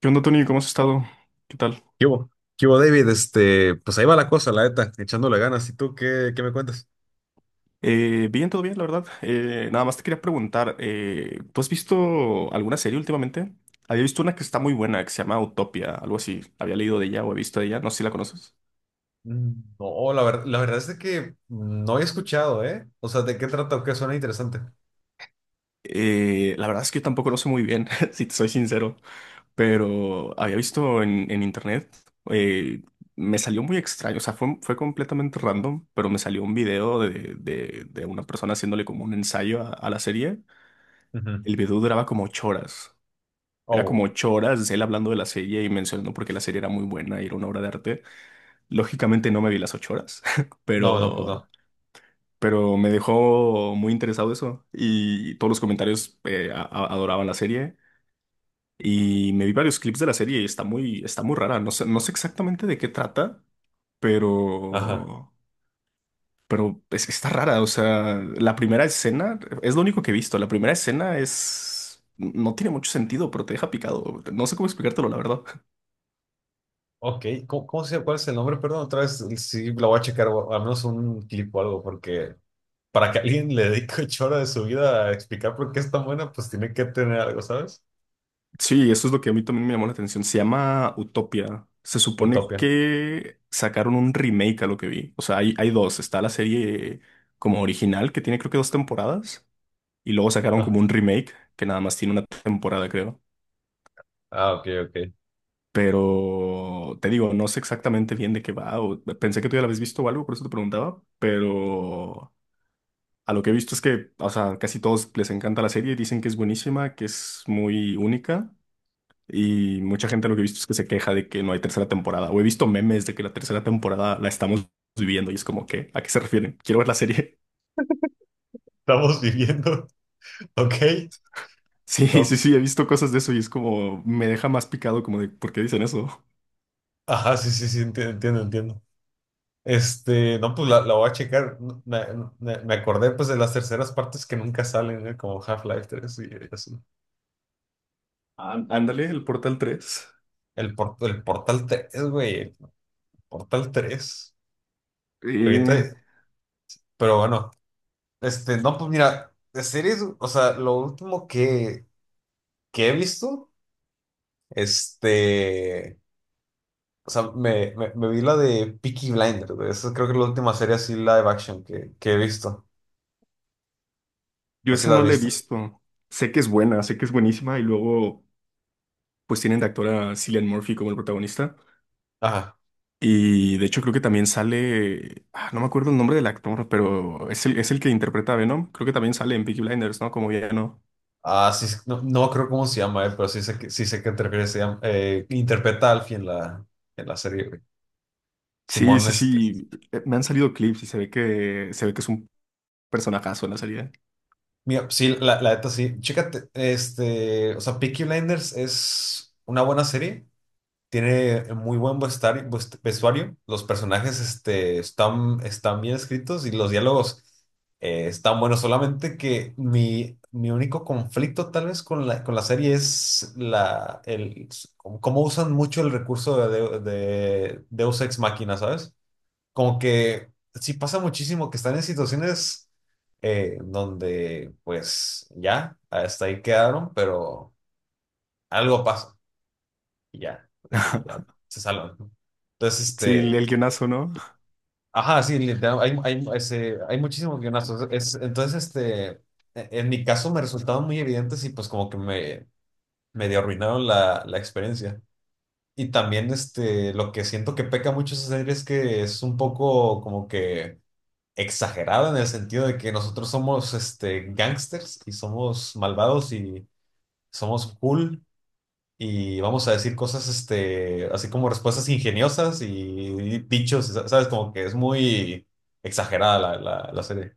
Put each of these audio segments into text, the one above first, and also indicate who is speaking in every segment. Speaker 1: ¿Qué onda, Tony? ¿Cómo has estado? ¿Qué tal?
Speaker 2: ¿Qué hubo? ¿Qué hubo, David? Este, pues ahí va la cosa, la neta, echándole ganas. ¿Y tú qué me cuentas?
Speaker 1: Bien, todo bien, la verdad. Nada más te quería preguntar, ¿tú has visto alguna serie últimamente? Había visto una que está muy buena, que se llama Utopia, algo así. Había leído de ella o he visto de ella, no sé si la conoces.
Speaker 2: Mm, no, la verdad es de que no he escuchado, ¿eh? O sea, ¿de qué trata o qué suena interesante?
Speaker 1: La verdad es que yo tampoco lo sé muy bien, si te soy sincero, pero había visto en internet, eh, me salió muy extraño, o sea, fue completamente random, pero me salió un video de una persona haciéndole como un ensayo a la serie.
Speaker 2: Ujú.
Speaker 1: El video duraba como 8 horas. Era como
Speaker 2: Oh,
Speaker 1: 8 horas él hablando de la serie y mencionando por qué la serie era muy buena y era una obra de arte. Lógicamente no me vi las 8 horas,
Speaker 2: no, no, pues no.
Speaker 1: pero, me dejó muy interesado eso. Y todos los comentarios adoraban la serie. Y me vi varios clips de la serie y está muy rara. No sé exactamente de qué trata,
Speaker 2: Ajá.
Speaker 1: pero, pero está rara. O sea, la primera escena es lo único que he visto. La primera escena es. No tiene mucho sentido, pero te deja picado. No sé cómo explicártelo, la verdad.
Speaker 2: Ok, ¿cómo, cómo se ¿Cuál es el nombre? Perdón, otra vez sí lo voy a checar, o al menos un clip o algo, porque para que alguien le dedique 8 horas de su vida a explicar por qué es tan buena, pues tiene que tener algo, ¿sabes?
Speaker 1: Sí, eso es lo que a mí también me llamó la atención. Se llama Utopia. Se supone
Speaker 2: Utopia.
Speaker 1: que sacaron un remake a lo que vi. O sea, hay dos. Está la serie como original, que tiene creo que dos temporadas, y luego sacaron
Speaker 2: Ah,
Speaker 1: como un remake, que nada más tiene una temporada, creo.
Speaker 2: ah, ok, ok.
Speaker 1: Pero te digo, no sé exactamente bien de qué va. Pensé que tú ya la habías visto o algo, por eso te preguntaba. Pero a lo que he visto es que, o sea, casi todos les encanta la serie, dicen que es buenísima, que es muy única. Y mucha gente lo que he visto es que se queja de que no hay tercera temporada. O he visto memes de que la tercera temporada la estamos viviendo y es como que, ¿a qué se refieren? Quiero ver la serie.
Speaker 2: Estamos viviendo, ok.
Speaker 1: Sí,
Speaker 2: No,
Speaker 1: sí, sí,
Speaker 2: pues,
Speaker 1: he visto cosas de eso y es como, me deja más picado como de, ¿por qué dicen eso?
Speaker 2: ajá, sí, sí, sí, entiendo, entiendo. Este, no, pues la voy a checar. Me, me acordé pues de las terceras partes que nunca salen, ¿eh? Como Half-Life 3 y así.
Speaker 1: Ándale, el Portal tres.
Speaker 2: El Portal 3, güey, el Portal 3. Que
Speaker 1: Eh,
Speaker 2: ahorita- pero bueno, este, no, pues mira, de series, o sea, lo último que he visto, este, o sea, me vi la de Peaky Blinders, güey. Esa creo que es la última serie así live action que he visto.
Speaker 1: yo
Speaker 2: Así
Speaker 1: esa
Speaker 2: la
Speaker 1: no
Speaker 2: has
Speaker 1: la he
Speaker 2: visto.
Speaker 1: visto. Sé que es buena, sé que es buenísima y luego pues tienen de actor a Cillian Murphy como el protagonista.
Speaker 2: Ajá.
Speaker 1: Y de hecho creo que también sale, ah, no me acuerdo el nombre del actor, pero es el que interpreta a Venom. Creo que también sale en Peaky Blinders, ¿no? Como no.
Speaker 2: Ah, sí, no, no creo cómo se llama, pero sí sé que, te refieres, interpreta a Alfie en la serie, güey.
Speaker 1: Sí,
Speaker 2: Simón,
Speaker 1: sí,
Speaker 2: este.
Speaker 1: sí. Me han salido clips y se ve que es un personajazo en la serie.
Speaker 2: Mira, sí, la neta sí. Chécate, este, o sea, Peaky Blinders es una buena serie. Tiene muy buen vestuario. Los personajes, este, están bien escritos y los diálogos, están buenos. Solamente que mi único conflicto tal vez con la, serie es cómo usan mucho el recurso de Deus Ex Machina, ¿sabes? Como que sí pasa muchísimo que están en situaciones, donde pues ya, hasta ahí quedaron, pero algo pasa y ya, y ya se salvan, ¿no? Entonces,
Speaker 1: Sí, el
Speaker 2: este,
Speaker 1: guionazo, ¿no?
Speaker 2: ajá, sí, literal, hay, hay muchísimos guionazos. Entonces, este, en mi caso me resultaban muy evidentes y pues como que me medio arruinaron la, la experiencia. Y también, este, lo que siento que peca mucho esa serie es que es un poco como que exagerada en el sentido de que nosotros somos, este, gangsters y somos malvados y somos cool y vamos a decir cosas, este, así como respuestas ingeniosas y dichos, ¿sabes? Como que es muy exagerada la serie.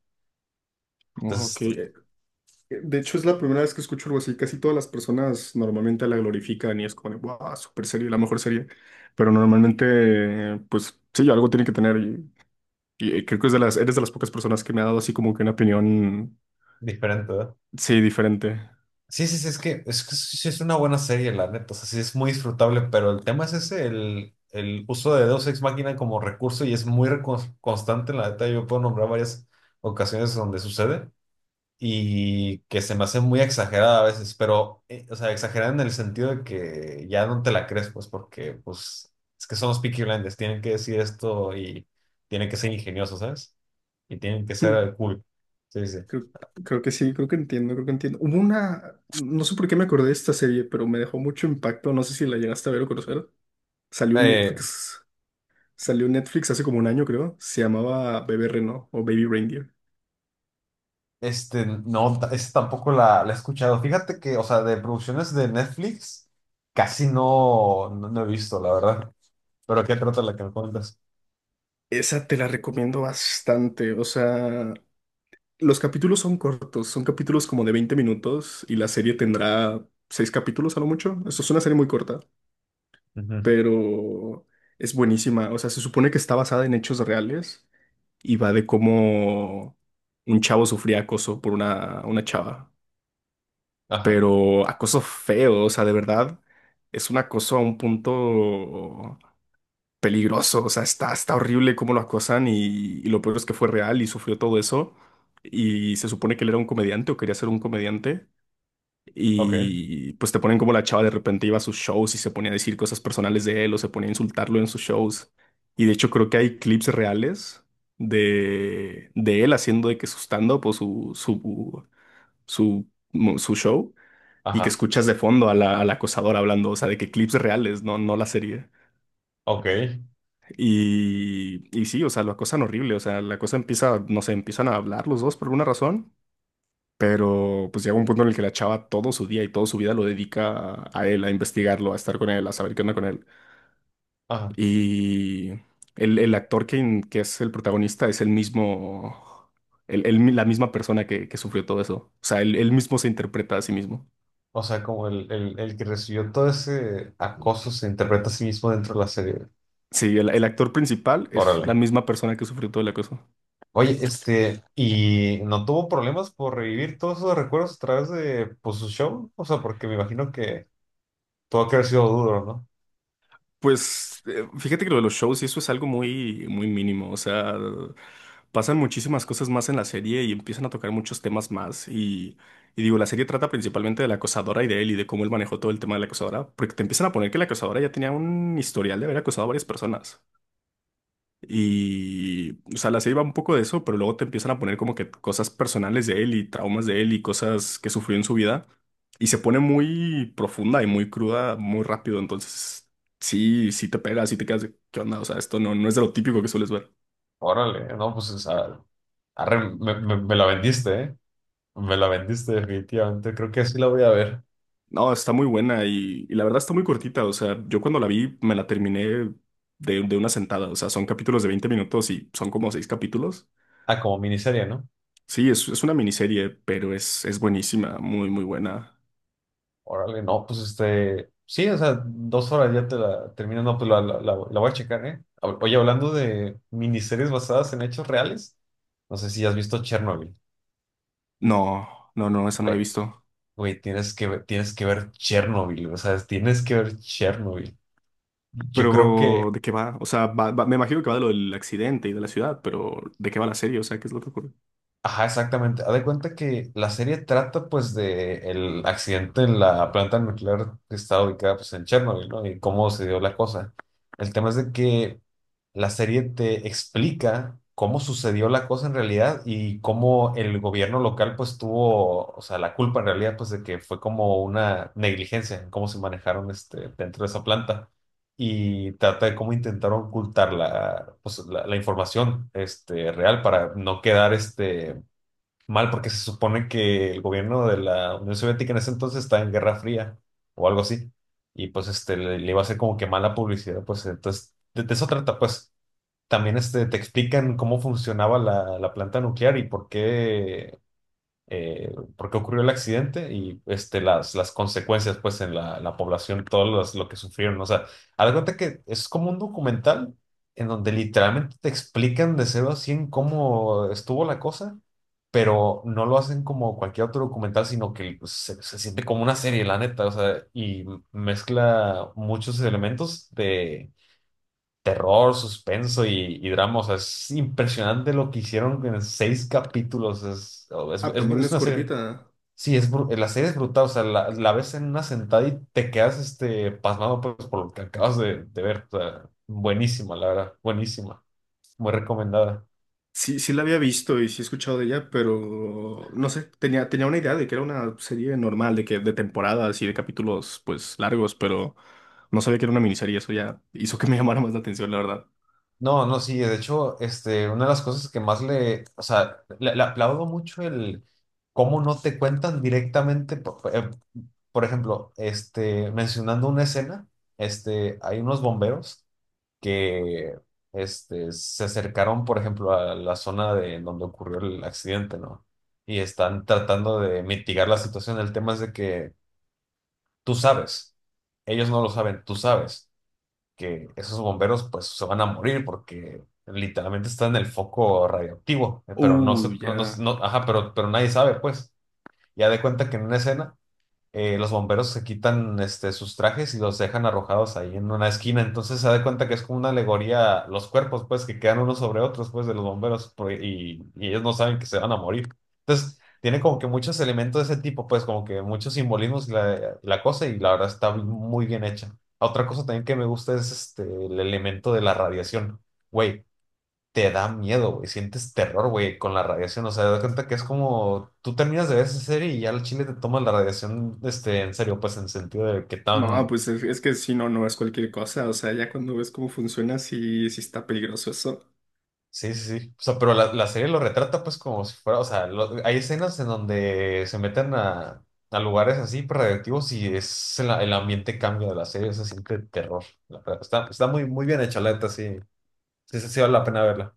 Speaker 1: Oh,
Speaker 2: Entonces,
Speaker 1: ok. De hecho, es la primera vez que escucho algo así. Casi todas las personas normalmente la glorifican y es como, de, wow, super serie, la mejor serie. Pero normalmente, pues sí, algo tiene que tener. Creo que es de las, eres de las pocas personas que me ha dado así como que una opinión.
Speaker 2: diferente, ¿verdad?
Speaker 1: Sí, diferente.
Speaker 2: Sí, sí, sí, es que sí, sí es una buena serie, la neta, o sea, sí es muy disfrutable, pero el tema es ese, el uso de Deus Ex Machina como recurso y es muy constante, la neta, yo puedo nombrar varias ocasiones donde sucede. Y que se me hace muy exagerada a veces, pero, o sea, exagerada en el sentido de que ya no te la crees, pues, porque, pues, es que son los Peaky Blinders, tienen que decir esto y tienen que ser ingeniosos, ¿sabes? Y tienen que ser cool. Sí, sí.
Speaker 1: Creo, creo que sí, creo que entiendo. Hubo una, no sé por qué me acordé de esta serie, pero me dejó mucho impacto. No sé si la llegaste a ver o conocer. Salió en
Speaker 2: Eh,
Speaker 1: Netflix, salió en Netflix hace como un año, creo. Se llamaba Bebé Reno o Baby Reindeer.
Speaker 2: este, no, esa tampoco la he escuchado. Fíjate que, o sea, de producciones de Netflix, casi no, no, no he visto, la verdad. Pero ¿qué trata la que me cuentas?
Speaker 1: Esa te la recomiendo bastante. O sea, los capítulos son cortos, son capítulos como de 20 minutos y la serie tendrá seis capítulos a lo mucho. Esto es una serie muy corta,
Speaker 2: Ujú.
Speaker 1: pero es buenísima. O sea, se supone que está basada en hechos reales. Y va de cómo un chavo sufría acoso por una chava,
Speaker 2: Ajá,
Speaker 1: pero acoso feo, o sea, de verdad, es un acoso a un punto peligroso, o sea, está horrible cómo lo acosan y lo peor es que fue real y sufrió todo eso y se supone que él era un comediante o quería ser un comediante
Speaker 2: ok,
Speaker 1: y pues te ponen como la chava de repente iba a sus shows y se ponía a decir cosas personales de él o se ponía a insultarlo en sus shows. Y de hecho creo que hay clips reales de él haciendo de que su stand-up o su, su show y que
Speaker 2: ajá,
Speaker 1: escuchas de fondo a la, al acosador hablando, o sea, de que clips reales, no, no la serie.
Speaker 2: ok,
Speaker 1: Y sí, o sea, lo acosan horrible, o sea, la cosa empieza, no sé, empiezan a hablar los dos por alguna razón. Pero pues llega un punto en el que la chava todo su día y toda su vida lo dedica a él, a investigarlo, a estar con él, a saber qué onda con él.
Speaker 2: ajá.
Speaker 1: Y el actor que es el protagonista es el mismo, la misma persona que sufrió todo eso. O sea, él mismo se interpreta a sí mismo.
Speaker 2: O sea, como el, el que recibió todo ese acoso se interpreta a sí mismo dentro de la serie.
Speaker 1: Sí, el actor principal es la
Speaker 2: Órale.
Speaker 1: misma persona que sufrió todo el acoso.
Speaker 2: Oye, este, ¿y no tuvo problemas por revivir todos esos recuerdos a través de, pues, su show? O sea, porque me imagino que tuvo que haber sido duro, ¿no?
Speaker 1: Pues fíjate que lo de los shows y eso es algo muy, muy mínimo. O sea, pasan muchísimas cosas más en la serie y empiezan a tocar muchos temas más. Y digo, la serie trata principalmente de la acosadora y de él y de cómo él manejó todo el tema de la acosadora, porque te empiezan a poner que la acosadora ya tenía un historial de haber acosado a varias personas. Y, o sea, la serie va un poco de eso, pero luego te empiezan a poner como que cosas personales de él y traumas de él y cosas que sufrió en su vida. Y se pone muy profunda y muy cruda muy rápido. Entonces, sí, sí te pega, sí te quedas de, ¿qué onda? O sea, esto no, no es de lo típico que sueles ver.
Speaker 2: Órale, no, pues o sea, arre, me la vendiste, ¿eh? Me la vendiste definitivamente. Creo que así la voy a ver.
Speaker 1: No, está muy buena y la verdad está muy cortita. O sea, yo cuando la vi me la terminé de una sentada. O sea, son capítulos de 20 minutos y son como seis capítulos.
Speaker 2: Ah, como miniserie, ¿no?
Speaker 1: Sí, es una miniserie, pero es buenísima, muy, muy buena.
Speaker 2: Órale, no, pues este, sí, o sea, 2 horas ya te la terminas, no, pues la, la voy a checar, ¿eh? Oye, hablando de miniseries basadas en hechos reales, no sé si has visto Chernobyl.
Speaker 1: No, no, no, esa no la he
Speaker 2: Güey,
Speaker 1: visto.
Speaker 2: güey, tienes que ver Chernobyl, o sea, tienes que ver Chernobyl. Yo creo
Speaker 1: Pero,
Speaker 2: que.
Speaker 1: ¿de qué va? O sea, me imagino que va de lo del accidente y de la ciudad, pero ¿de qué va la serie? O sea, ¿qué es lo que ocurre?
Speaker 2: Ajá, exactamente. Haz de cuenta que la serie trata pues de el accidente en la planta nuclear que está ubicada pues en Chernobyl, ¿no? Y cómo se dio la cosa. El tema es de que la serie te explica cómo sucedió la cosa en realidad y cómo el gobierno local pues tuvo, o sea, la culpa en realidad pues de que fue como una negligencia en cómo se manejaron, este, dentro de esa planta, y trata de cómo intentaron ocultar la, pues, la información, este, real, para no quedar este mal, porque se supone que el gobierno de la Unión Soviética en ese entonces estaba en Guerra Fría o algo así. Y pues este le iba a hacer como que mala publicidad, pues entonces de, eso trata, pues también este te explican cómo funcionaba la, planta nuclear y por qué, por qué ocurrió el accidente y, este, las, consecuencias pues en la población, todo lo que sufrieron. O sea, haz de cuenta que es como un documental en donde literalmente te explican de cero a cien cómo estuvo la cosa, pero no lo hacen como cualquier otro documental, sino que se siente como una serie, la neta, o sea, y mezcla muchos elementos de terror, suspenso y drama, o sea, es impresionante lo que hicieron en 6 capítulos, es, es
Speaker 1: Ah,
Speaker 2: es-
Speaker 1: también
Speaker 2: es
Speaker 1: es
Speaker 2: una serie.
Speaker 1: cortita.
Speaker 2: Sí, la serie es brutal, o sea, la, ves en una sentada y te quedas, este, pasmado pues, por lo que acabas de ver. O sea, buenísima, la verdad, buenísima, muy recomendada.
Speaker 1: Sí, sí la había visto y sí he escuchado de ella, pero no sé, tenía una idea de que era una serie normal, de que de temporadas y de capítulos pues largos, pero no sabía que era una miniserie, eso ya hizo que me llamara más la atención, la verdad.
Speaker 2: No, no, sí, de hecho, este, una de las cosas que o sea, le aplaudo mucho el cómo no te cuentan directamente, por ejemplo, este, mencionando una escena, este, hay unos bomberos que, este, se acercaron, por ejemplo, a la zona de donde ocurrió el accidente, ¿no? Y están tratando de mitigar la situación. El tema es de que tú sabes, ellos no lo saben, tú sabes que esos bomberos pues se van a morir porque literalmente están en el foco radioactivo, pero no se,
Speaker 1: Uy,
Speaker 2: no, no se-
Speaker 1: ya.
Speaker 2: no- ajá, pero, nadie sabe, pues. Ya de cuenta que en una escena, los bomberos se quitan, este, sus trajes y los dejan arrojados ahí en una esquina. Entonces se da cuenta que es como una alegoría, los cuerpos, pues, que quedan unos sobre otros, pues, de los bomberos, y ellos no saben que se van a morir. Entonces, tiene como que muchos elementos de ese tipo, pues, como que muchos simbolismos y la, cosa, y la verdad está muy bien hecha. Otra cosa también que me gusta es, este, el elemento de la radiación. Güey, te da miedo, güey. Sientes terror, güey, con la radiación. O sea, te das cuenta que es como tú terminas de ver esa serie y ya al chile te tomas la radiación, este, en serio, pues en sentido de que
Speaker 1: No,
Speaker 2: tan.
Speaker 1: pues es que si no, no es cualquier cosa, o sea, ya cuando ves cómo funciona, sí, sí está peligroso eso.
Speaker 2: Sí, sí, sí. O sea, pero la, serie lo retrata, pues como si fuera. O sea, hay escenas en donde se meten a, lugares así pues, radioactivos, y es el ambiente cambia de la serie. Se siente terror. La verdad, está muy, muy bien hecha, la neta, sí. Sí, sí, sí, vale la pena verla.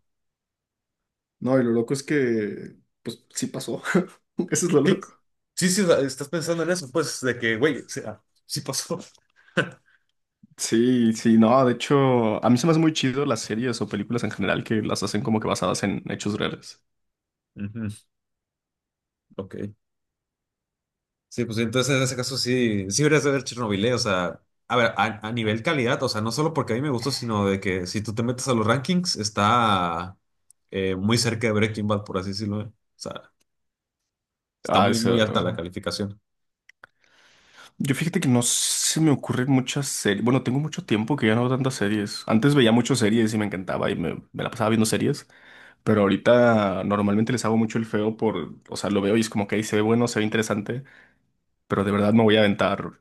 Speaker 1: No, y lo loco es que, pues sí pasó. Eso es lo
Speaker 2: Sí,
Speaker 1: loco.
Speaker 2: sí, sí, o sea, estás pensando en eso, pues, de que, güey, o sea, sí pasó.
Speaker 1: Sí, sí, no, de hecho, a mí se me hace muy chido las series o películas en general que las hacen como que basadas en hechos reales.
Speaker 2: Ujú. Ok. Sí, pues entonces en ese caso sí, sí deberías de ver Chernobyl, ¿eh? O sea, a ver, a nivel calidad, o sea, no solo porque a mí me gustó, sino de que si tú te metes a los rankings, está, muy cerca de Breaking Bad, por así decirlo, ¿eh? O sea, está
Speaker 1: Ah,
Speaker 2: muy,
Speaker 1: eso.
Speaker 2: muy alta la
Speaker 1: Ajá.
Speaker 2: calificación.
Speaker 1: Yo fíjate que no se me ocurren muchas series. Bueno, tengo mucho tiempo que ya no veo tantas series. Antes veía muchas series y me encantaba y me la pasaba viendo series, pero ahorita normalmente les hago mucho el feo por, o sea, lo veo y es como que ahí se ve bueno, se ve interesante, pero de verdad me voy a aventar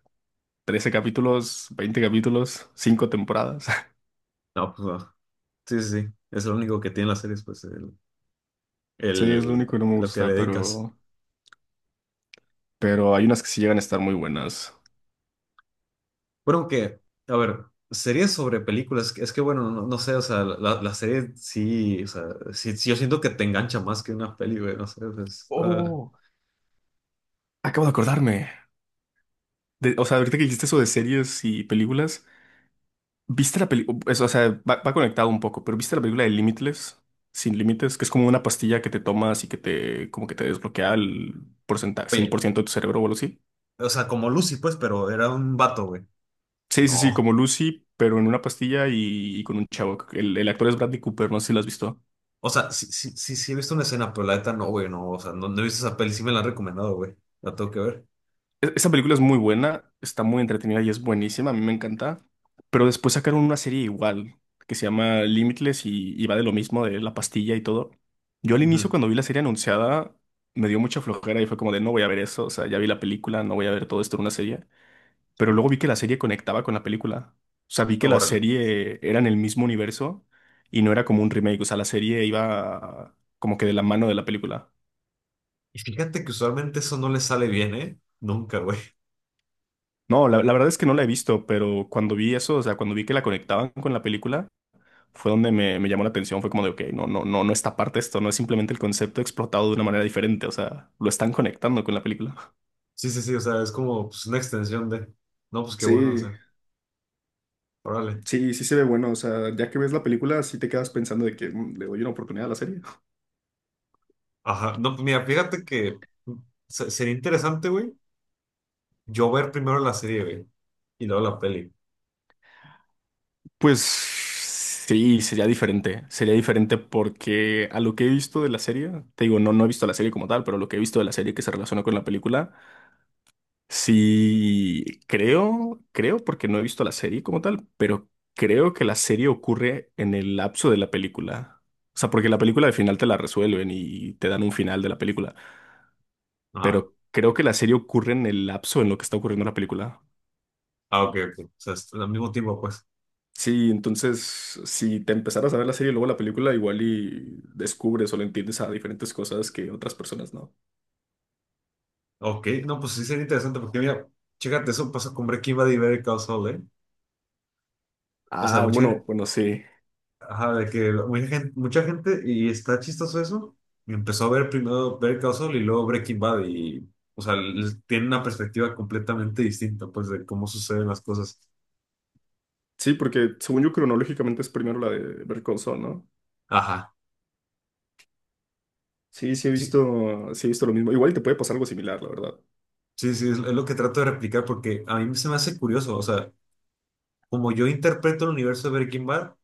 Speaker 1: 13 capítulos, 20 capítulos, 5 temporadas.
Speaker 2: No, pues no. Sí, sí, sí. Es lo único que tiene las series, pues,
Speaker 1: Sí, es lo
Speaker 2: el-
Speaker 1: único que no me
Speaker 2: lo que le
Speaker 1: gusta,
Speaker 2: dedicas.
Speaker 1: pero, hay unas que sí llegan a estar muy buenas.
Speaker 2: Bueno, que, a ver, series sobre películas, es que bueno, no, no sé, o sea, la serie sí, o sea, sí, sí yo siento que te engancha más que una peli, güey, no sé, pues, está-
Speaker 1: Oh, acabo de acordarme. O sea, ahorita que dijiste eso de series y películas, ¿viste la película? O sea, va conectado un poco, pero ¿viste la película de Limitless? Sin límites, que es como una pastilla que te tomas y que te, como que te desbloquea el porcentaje, cien
Speaker 2: Oye,
Speaker 1: por ciento de tu cerebro o algo así.
Speaker 2: o sea, como Lucy, pues, pero era un vato, güey.
Speaker 1: Sí, sí, sí,
Speaker 2: No.
Speaker 1: como Lucy, pero en una pastilla y con un chavo. El actor es Bradley Cooper, no sé si lo has visto.
Speaker 2: O sea, sí, sí, sí, sí he visto una escena, pero la neta no, güey, no. O sea, no, no he visto esa peli, sí me la han recomendado, güey. La tengo que ver.
Speaker 1: Esa película es muy buena, está muy entretenida y es buenísima, a mí me encanta. Pero después sacaron una serie igual, que se llama Limitless y va de lo mismo, de la pastilla y todo. Yo al inicio
Speaker 2: Ujú.
Speaker 1: cuando vi la serie anunciada me dio mucha flojera y fue como de no voy a ver eso, o sea, ya vi la película, no voy a ver todo esto en una serie.
Speaker 2: Qué
Speaker 1: Pero
Speaker 2: bueno.
Speaker 1: luego vi que la serie conectaba con la película. O sea, vi que la
Speaker 2: Órale.
Speaker 1: serie era en el mismo universo y no era como un remake, o sea, la serie iba como que de la mano de la película.
Speaker 2: Y fíjate que usualmente eso no le sale bien, ¿eh? Nunca, güey.
Speaker 1: No, la verdad es que no la he visto, pero cuando vi eso, o sea, cuando vi que la conectaban con la película, fue donde me llamó la atención. Fue como de, ok, no, no, no, no está parte esto, no es simplemente el concepto explotado de una manera diferente, o sea, lo están conectando con la película.
Speaker 2: Sí, sí, sí, o sea, es como pues, una extensión de. No, pues qué bueno, o
Speaker 1: Sí,
Speaker 2: sea, órale.
Speaker 1: sí, sí se ve bueno. O sea, ya que ves la película, sí te quedas pensando de que "Mm, le doy una oportunidad a la serie".
Speaker 2: Ajá. No, pues mira, fíjate que mm, sería interesante, güey, yo ver primero la serie, güey, y luego la peli.
Speaker 1: Pues sí, sería diferente porque a lo que he visto de la serie, te digo, no he visto la serie como tal, pero lo que he visto de la serie que se relaciona con la película. Sí, creo, porque no he visto la serie como tal, pero creo que la serie ocurre en el lapso de la película. O sea, porque la película al final te la resuelven y te dan un final de la película,
Speaker 2: Ajá.
Speaker 1: pero creo que la serie ocurre en el lapso en lo que está ocurriendo la película.
Speaker 2: Ah, ok, ok. O sea, es al mismo tiempo, pues.
Speaker 1: Sí, entonces, si te empezaras a ver la serie y luego la película, igual y descubres o le entiendes a diferentes cosas que otras personas no.
Speaker 2: Ok, no, pues sí sería interesante porque mira, chécate, eso pasó con Breaking Bad y Better Call Saul, ¿eh? O sea,
Speaker 1: Ah, bueno,
Speaker 2: mucha,
Speaker 1: bueno, sí.
Speaker 2: ajá, mucha gente, y está chistoso eso, y empezó a ver primero Better Call Saul y luego Breaking Bad y, o sea, tienen una perspectiva completamente distinta, pues, de cómo suceden las cosas.
Speaker 1: Sí, porque según yo cronológicamente es primero la de Better Call Saul, ¿no?
Speaker 2: Ajá,
Speaker 1: Sí,
Speaker 2: sí,
Speaker 1: sí he visto lo mismo. Igual te puede pasar algo similar, la verdad.
Speaker 2: sí, sí, es lo que trato de replicar porque a mí se me hace curioso, o sea, como yo interpreto el universo de Breaking Bad,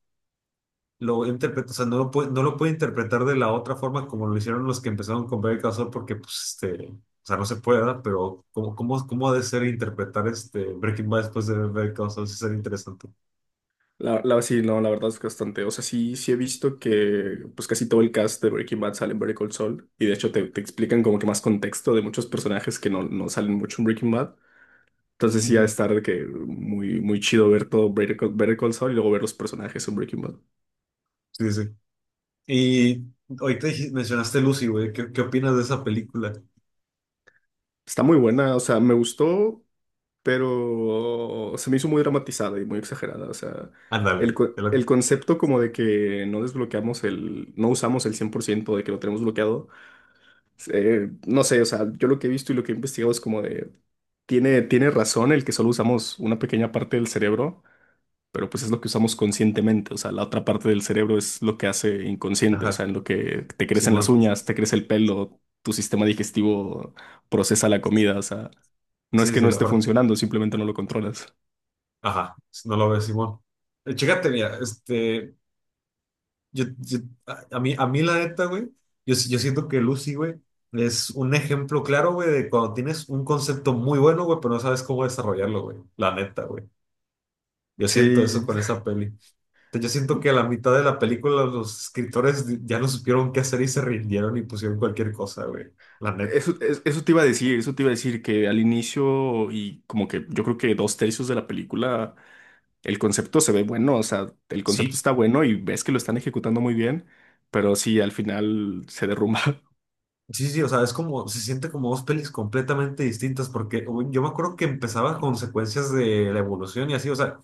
Speaker 2: lo interpreta, o sea, no lo puede interpretar de la otra forma como lo hicieron los que empezaron con Better Call Saul, porque, pues, este, o sea, no se puede, ¿verdad? Pero, ¿cómo, ¿cómo ha de ser interpretar este Breaking Bad después de Better Call Saul? Sí, sería interesante.
Speaker 1: Sí, no, la verdad es bastante. O sea, sí, sí he visto que pues casi todo el cast de Breaking Bad sale en Better Call Saul. Y de hecho te explican como que más contexto de muchos personajes que no salen mucho en Breaking Bad. Entonces sí ha de
Speaker 2: Ujú.
Speaker 1: estar de que muy, muy chido ver todo Better Call Saul y luego ver los personajes en Breaking Bad.
Speaker 2: Sí, sí. Y ahorita mencionaste Lucy, güey, ¿qué opinas de esa película?
Speaker 1: Está muy buena, o sea, me gustó pero se me hizo muy dramatizada y muy exagerada. O sea,
Speaker 2: Ándale,
Speaker 1: el concepto como de que no desbloqueamos el, no usamos el 100% de que lo tenemos bloqueado, no sé, o sea, yo lo que he visto y lo que he investigado es como de, tiene razón el que solo usamos una pequeña parte del cerebro, pero pues es lo que usamos conscientemente, o sea, la otra parte del cerebro es lo que hace inconsciente, o
Speaker 2: ajá,
Speaker 1: sea, en lo que te crecen las
Speaker 2: Simón.
Speaker 1: uñas, te crece el pelo. Tu sistema digestivo procesa la comida, o sea, no es
Speaker 2: Sí,
Speaker 1: que
Speaker 2: sí,
Speaker 1: no
Speaker 2: la
Speaker 1: esté
Speaker 2: parte,
Speaker 1: funcionando, simplemente no lo controlas.
Speaker 2: ajá, no lo ve Simón. Chécate, mira, este. Yo, yo- a mí, a mí la neta, güey, yo, si- yo siento que Lucy, güey, es un ejemplo claro, güey, de cuando tienes un concepto muy bueno, güey, pero no sabes cómo desarrollarlo, güey. La neta, güey. Yo siento eso
Speaker 1: Sí,
Speaker 2: con esa peli. O sea, yo siento que a la mitad de la película los escritores ya no supieron qué hacer y se rindieron y pusieron cualquier cosa, güey. La neta.
Speaker 1: eso te iba a decir, eso te iba a decir que al inicio y como que yo creo que dos tercios de la película, el concepto se ve bueno, o sea, el concepto
Speaker 2: Sí,
Speaker 1: está bueno y ves que lo están ejecutando muy bien, pero sí, al final se derrumba.
Speaker 2: Sí, sí, o sea, es como, se siente como dos pelis completamente distintas, porque güey, yo me acuerdo que empezaba con secuencias de la evolución y así, o sea,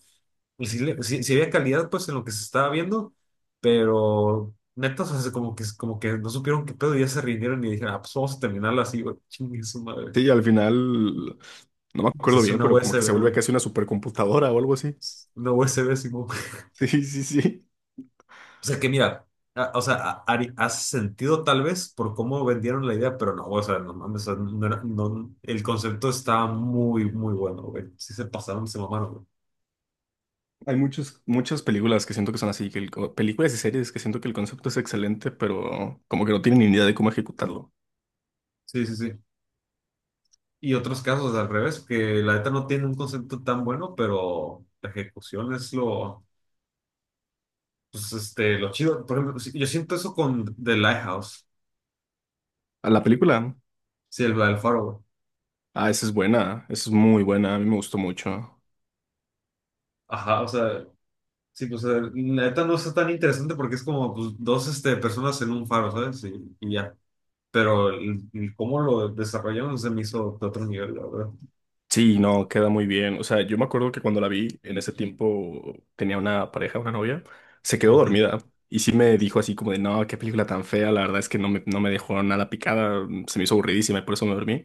Speaker 2: pues sí, sí había calidad pues en lo que se estaba viendo, pero neta, o sea, como que no supieron qué pedo y ya se rindieron y dijeron, ah, pues vamos a terminarlo así, güey, chingue su madre.
Speaker 1: Sí, al final, no me
Speaker 2: Pues
Speaker 1: acuerdo
Speaker 2: es
Speaker 1: bien,
Speaker 2: una
Speaker 1: pero como que se
Speaker 2: USB,
Speaker 1: vuelve
Speaker 2: güey,
Speaker 1: casi una supercomputadora o algo así.
Speaker 2: una USB, Simón.
Speaker 1: Sí, sí, sí.
Speaker 2: O sea que mira, o sea, Ari, hace sentido tal vez por cómo vendieron la idea, pero no, o sea, no mames, o sea, el concepto estaba muy, muy bueno, güey. Sí se pasaron, se mamaron, güey.
Speaker 1: Hay muchas películas que siento que son así, que películas y series que siento que el concepto es excelente, pero como que no tienen ni idea de cómo ejecutarlo.
Speaker 2: Sí, sí, sí. Y otros casos al revés, que la neta no tiene un concepto tan bueno, pero la ejecución es lo. Pues este, lo chido, por ejemplo, sí, yo siento eso con The Lighthouse,
Speaker 1: A la película.
Speaker 2: sí, el faro, güey.
Speaker 1: Ah, esa es buena, esa es muy buena, a mí me gustó mucho.
Speaker 2: Ajá, o sea, sí, pues la neta no está tan interesante porque es como pues, dos este, personas en un faro, ¿sabes? Y ya. Pero el cómo lo desarrollaron se me hizo de otro nivel, la verdad.
Speaker 1: Sí, no, queda muy bien. O sea, yo me acuerdo que cuando la vi, en ese tiempo tenía una pareja, una novia, se quedó
Speaker 2: Ujú,
Speaker 1: dormida y sí me dijo así como de, no, qué película tan fea, la verdad es que no no me dejó nada picada, se me hizo aburridísima y por eso me dormí.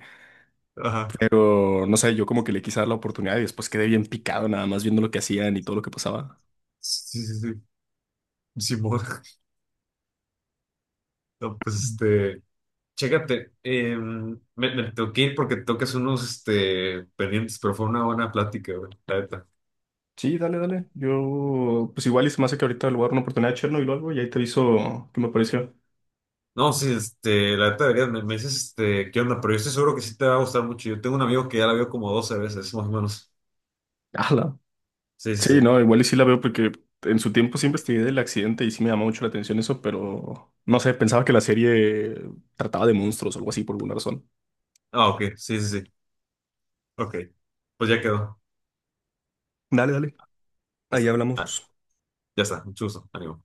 Speaker 2: Ajá.
Speaker 1: Pero, no sé, yo como que le quise dar la oportunidad y después quedé bien picado nada más viendo lo que hacían y todo lo que pasaba.
Speaker 2: Sí, sí, sí. Simón. No, pues
Speaker 1: Mm.
Speaker 2: este, chécate, me tengo que ir porque tengo que unos este, pendientes, pero fue una buena plática, güey, la neta.
Speaker 1: Sí, dale, dale. Yo, pues igual y se me hace que ahorita le voy a dar una oportunidad a Chernobyl o algo y ahí te aviso qué me pareció.
Speaker 2: No, sí, este, la neta deberías, me dices, este, qué onda, pero yo estoy seguro que sí te va a gustar mucho. Yo tengo un amigo que ya la vio como 12 veces, más o menos.
Speaker 1: Hala.
Speaker 2: Sí, sí,
Speaker 1: Sí,
Speaker 2: sí.
Speaker 1: no, igual y sí la veo porque en su tiempo sí investigué del accidente y sí me llamó mucho la atención eso, pero no sé, pensaba que la serie trataba de monstruos o algo así por alguna razón.
Speaker 2: Ah, ok, sí, sí, sí. Ok, pues ya quedó.
Speaker 1: Dale, dale,
Speaker 2: Ya
Speaker 1: ahí
Speaker 2: está. Ah,
Speaker 1: hablamos.
Speaker 2: ya está, mucho gusto, ánimo.